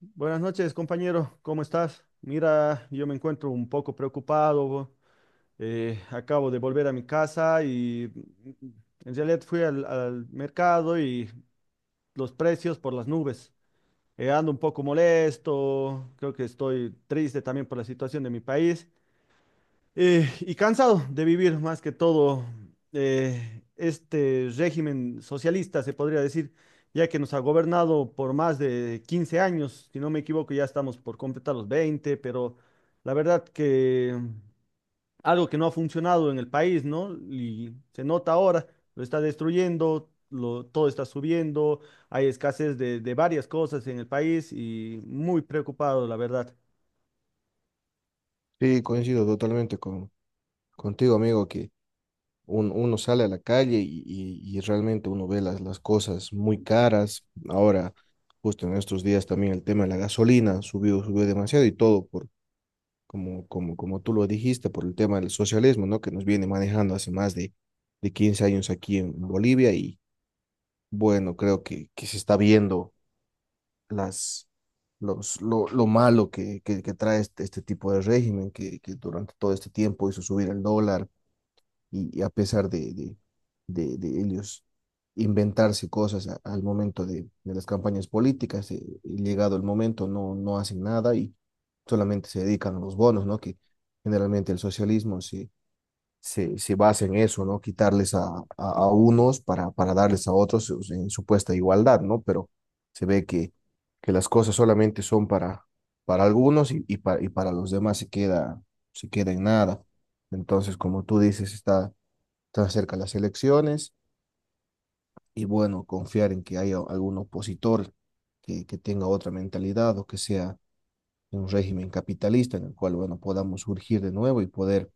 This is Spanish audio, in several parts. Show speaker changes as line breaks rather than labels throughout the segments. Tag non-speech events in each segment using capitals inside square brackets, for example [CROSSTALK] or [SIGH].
Buenas noches, compañero. ¿Cómo estás? Mira, yo me encuentro un poco preocupado. Acabo de volver a mi casa y en realidad fui al mercado y los precios por las nubes. Ando un poco molesto. Creo que estoy triste también por la situación de mi país. Y cansado de vivir más que todo este régimen socialista, se podría decir, ya que nos ha gobernado por más de 15 años, si no me equivoco, ya estamos por completar los 20, pero la verdad que algo que no ha funcionado en el país, ¿no? Y se nota ahora, lo está destruyendo, lo, todo está subiendo, hay escasez de varias cosas en el país y muy preocupado, la verdad.
Sí, coincido totalmente contigo, amigo, que uno sale a la calle y, y realmente uno ve las cosas muy caras. Ahora, justo en estos días también el tema de la gasolina subió demasiado y todo como tú lo dijiste, por el tema del socialismo, ¿no? Que nos viene manejando hace más de 15 años aquí en Bolivia. Y bueno, creo que se está viendo las lo malo que trae este tipo de régimen que durante todo este tiempo hizo subir el dólar, y a pesar de ellos inventarse cosas al momento de las campañas políticas, y llegado el momento no hacen nada y solamente se dedican a los bonos, ¿no? Que generalmente el socialismo se basa en eso, ¿no? Quitarles a unos para darles a otros, o sea, en supuesta igualdad, ¿no? Pero se ve que las cosas solamente son para algunos y para los demás se se queda en nada. Entonces, como tú dices, está se cerca las elecciones y bueno, confiar en que haya algún opositor que tenga otra mentalidad o que sea un régimen capitalista en el cual, bueno, podamos surgir de nuevo y poder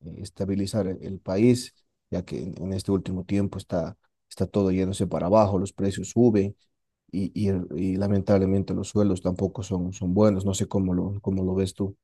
estabilizar el país, ya que en este último tiempo está todo yéndose para abajo, los precios suben y lamentablemente los sueldos tampoco son buenos, no sé cómo cómo lo ves tú.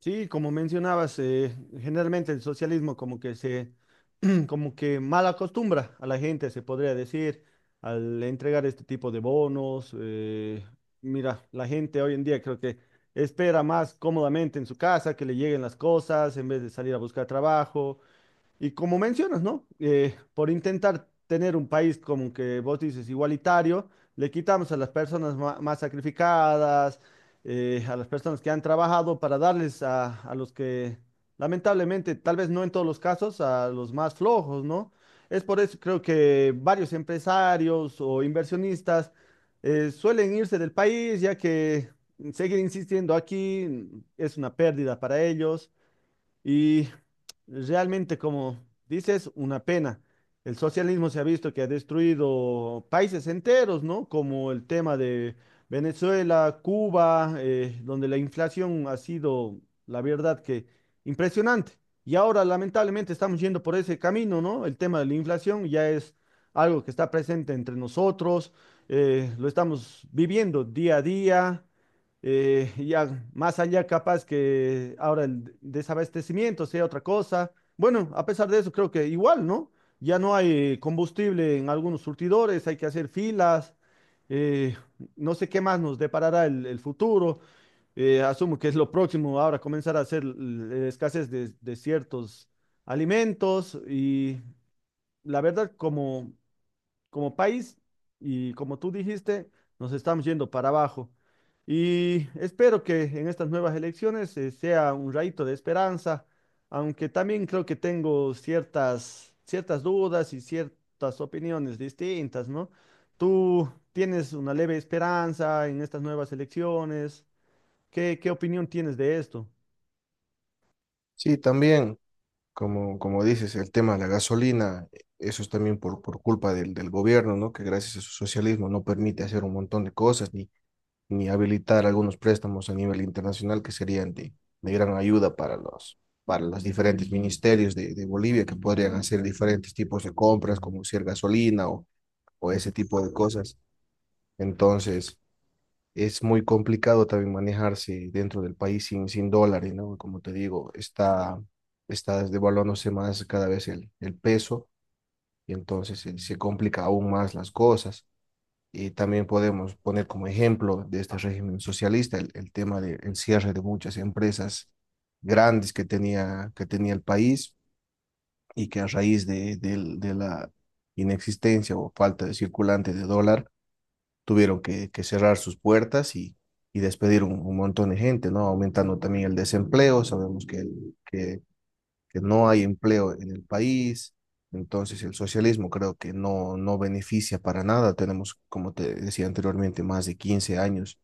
Sí, como mencionabas, generalmente el socialismo [CLEARS THROAT] como que mal acostumbra a la gente, se podría decir, al entregar este tipo de bonos. Mira, la gente hoy en día creo que espera más cómodamente en su casa que le lleguen las cosas en vez de salir a buscar trabajo. Y como mencionas, ¿no? Por intentar tener un país como que vos dices igualitario, le quitamos a las personas más sacrificadas, a las personas que han trabajado para darles a los que, lamentablemente, tal vez no en todos los casos, a los más flojos, ¿no? Es por eso creo que varios empresarios o inversionistas suelen irse del país, ya que seguir insistiendo aquí es una pérdida para ellos. Y realmente, como dices, una pena. El socialismo se ha visto que ha destruido países enteros, ¿no? Como el tema de Venezuela, Cuba, donde la inflación ha sido, la verdad, que impresionante. Y ahora, lamentablemente, estamos yendo por ese camino, ¿no? El tema de la inflación ya es algo que está presente entre nosotros, lo estamos viviendo día a día. Ya más allá capaz que ahora el desabastecimiento sea otra cosa. Bueno, a pesar de eso, creo que igual, ¿no? Ya no hay combustible en algunos surtidores, hay que hacer filas, eh, no sé qué más nos deparará el futuro. Asumo que es lo próximo ahora comenzar a hacer la escasez de ciertos alimentos y la verdad, como como país y como tú dijiste, nos estamos yendo para abajo. Y espero que en estas nuevas elecciones sea un rayito de esperanza, aunque también creo que tengo ciertas dudas y ciertas opiniones distintas, ¿no? ¿Tú tienes una leve esperanza en estas nuevas elecciones? Qué opinión tienes de esto?
Sí, también. Como dices, el tema de la gasolina, eso es también por culpa del gobierno, ¿no? Que gracias a su socialismo no permite hacer un montón de cosas ni habilitar algunos préstamos a nivel internacional que serían de gran ayuda para para los diferentes ministerios de Bolivia, que podrían hacer diferentes tipos de compras, como ser gasolina o ese tipo de cosas. Entonces, es muy complicado también manejarse dentro del país sin dólares, ¿no? Como te digo, está devaluándose más cada vez el peso, y entonces se complica aún más las cosas. Y también podemos poner como ejemplo de este régimen socialista el tema del cierre de muchas empresas grandes que tenía el país, y que a raíz de la inexistencia o falta de circulante de dólar, tuvieron que cerrar sus puertas y despedir un montón de gente, ¿no? Aumentando también el desempleo, sabemos que no hay empleo en el país. Entonces el socialismo creo que no beneficia para nada, tenemos, como te decía anteriormente, más de 15 años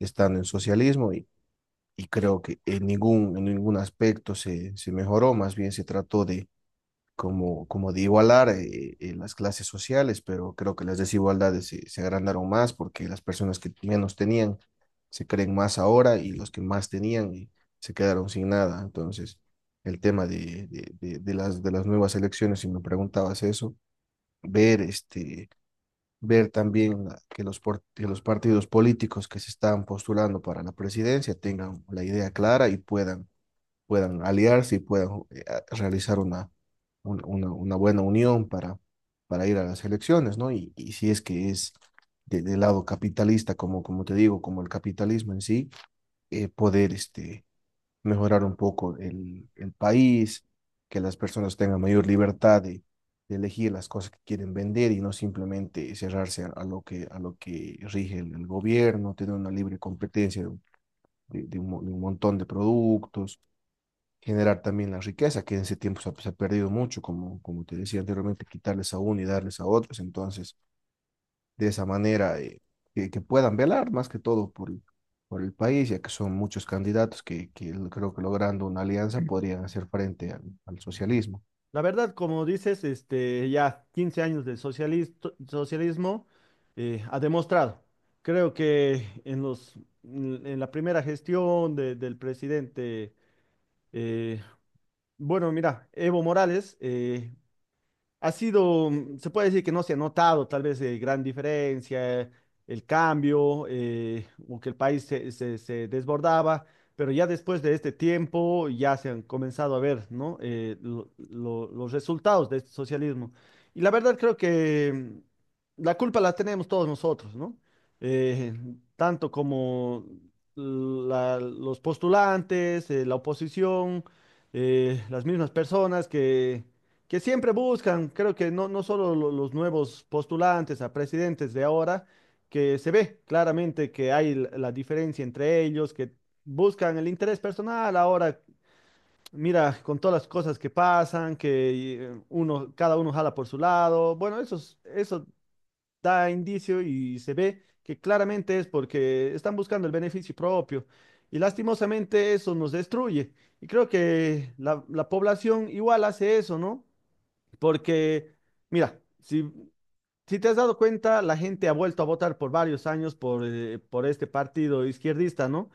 estando en socialismo, y creo que en en ningún aspecto se mejoró, más bien se trató de como de igualar las clases sociales, pero creo que las desigualdades se agrandaron más, porque las personas que menos tenían se creen más ahora y los que más tenían se quedaron sin nada. Entonces, el tema de de las nuevas elecciones, si me preguntabas eso, ver este... ver también que que los partidos políticos que se están postulando para la presidencia tengan la idea clara y puedan aliarse y puedan realizar una buena unión para ir a las elecciones, ¿no? Y si es que es del lado capitalista, como, como te digo, como el capitalismo en sí, poder este, mejorar un poco el país, que las personas tengan mayor libertad de elegir las cosas que quieren vender y no simplemente cerrarse a lo a lo que rige el gobierno, tener una libre competencia de un montón de productos, generar también la riqueza, que en ese tiempo se ha perdido mucho, como, como te decía anteriormente, quitarles a uno y darles a otros. Entonces, de esa manera, que puedan velar más que todo por el país, ya que son muchos candidatos que creo que logrando una alianza podrían hacer frente al socialismo.
La verdad, como dices, este, ya 15 años de socialismo ha demostrado. Creo que en en la primera gestión del presidente, eh, bueno, mira, Evo Morales, ha sido, se puede decir que no se ha notado tal vez gran diferencia, el cambio, o que el país se, se desbordaba, pero ya después de este tiempo ya se han comenzado a ver, ¿no? Los resultados de este socialismo. Y la verdad creo que la culpa la tenemos todos nosotros, ¿no? Eh, Tanto como los postulantes, la oposición, las mismas personas que siempre buscan, creo que no, no solo los nuevos postulantes a presidentes de ahora, que se ve claramente que hay la diferencia entre ellos, que buscan el interés personal. Ahora mira con todas las cosas que pasan, que uno, cada uno jala por su lado, bueno, eso, eso da indicio y se ve que claramente es porque están buscando el beneficio propio. Y lastimosamente eso nos destruye. Y creo que la población igual hace eso, ¿no? Porque, mira, si te has dado cuenta, la gente ha vuelto a votar por varios años por este partido izquierdista, ¿no?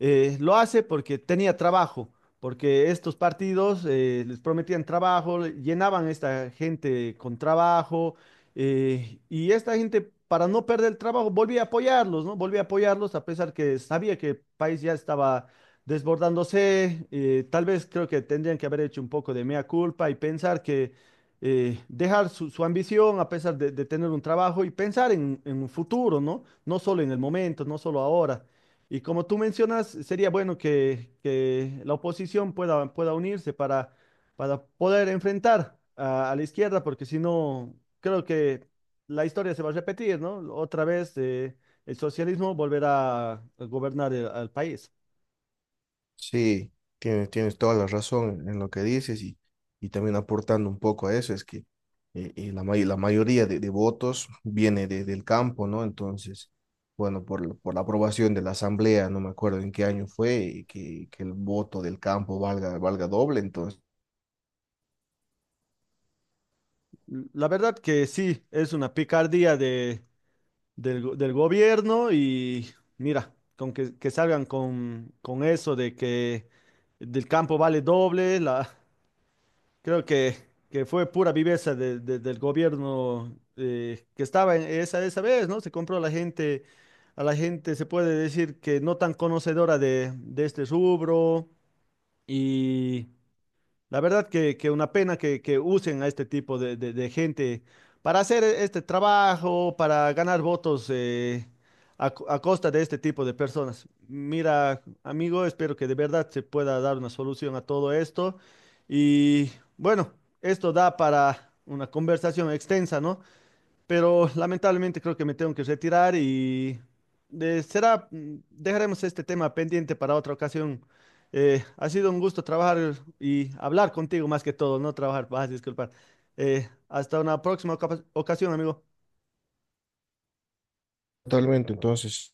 Lo hace porque tenía trabajo, porque estos partidos les prometían trabajo, llenaban a esta gente con trabajo, y esta gente, para no perder el trabajo, volvía a apoyarlos, ¿no? Volvía a apoyarlos a pesar que sabía que el país ya estaba desbordándose. Tal vez creo que tendrían que haber hecho un poco de mea culpa y pensar que dejar su ambición a pesar de tener un trabajo y pensar en un futuro, ¿no? No solo en el momento, no solo ahora. Y como tú mencionas, sería bueno que la oposición pueda unirse para poder enfrentar a la izquierda, porque si no, creo que la historia se va a repetir, ¿no? Otra vez el socialismo volverá a gobernar al país.
Sí, tienes toda la razón en lo que dices, y también aportando un poco a eso, es que la mayoría de votos viene del campo, ¿no? Entonces, bueno, por la aprobación de la asamblea, no me acuerdo en qué año fue, y que el voto del campo valga doble, entonces,
La verdad que sí, es una picardía de del gobierno y mira, con que salgan con eso de que del campo vale doble, la, creo que fue pura viveza del gobierno que estaba en esa, esa vez, ¿no? Se compró a la gente se puede decir que no tan conocedora de este rubro. La verdad que una pena que usen a este tipo de gente para hacer este trabajo, para ganar votos a, a costa de este tipo de personas. Mira, amigo, espero que de verdad se pueda dar una solución a todo esto. Y bueno, esto da para una conversación extensa, ¿no? Pero lamentablemente creo que me tengo que retirar y será, dejaremos este tema pendiente para otra ocasión. Ha sido un gusto trabajar y hablar contigo más que todo, no trabajar, vas a disculpar. Hasta una próxima ocasión, amigo.
totalmente, entonces.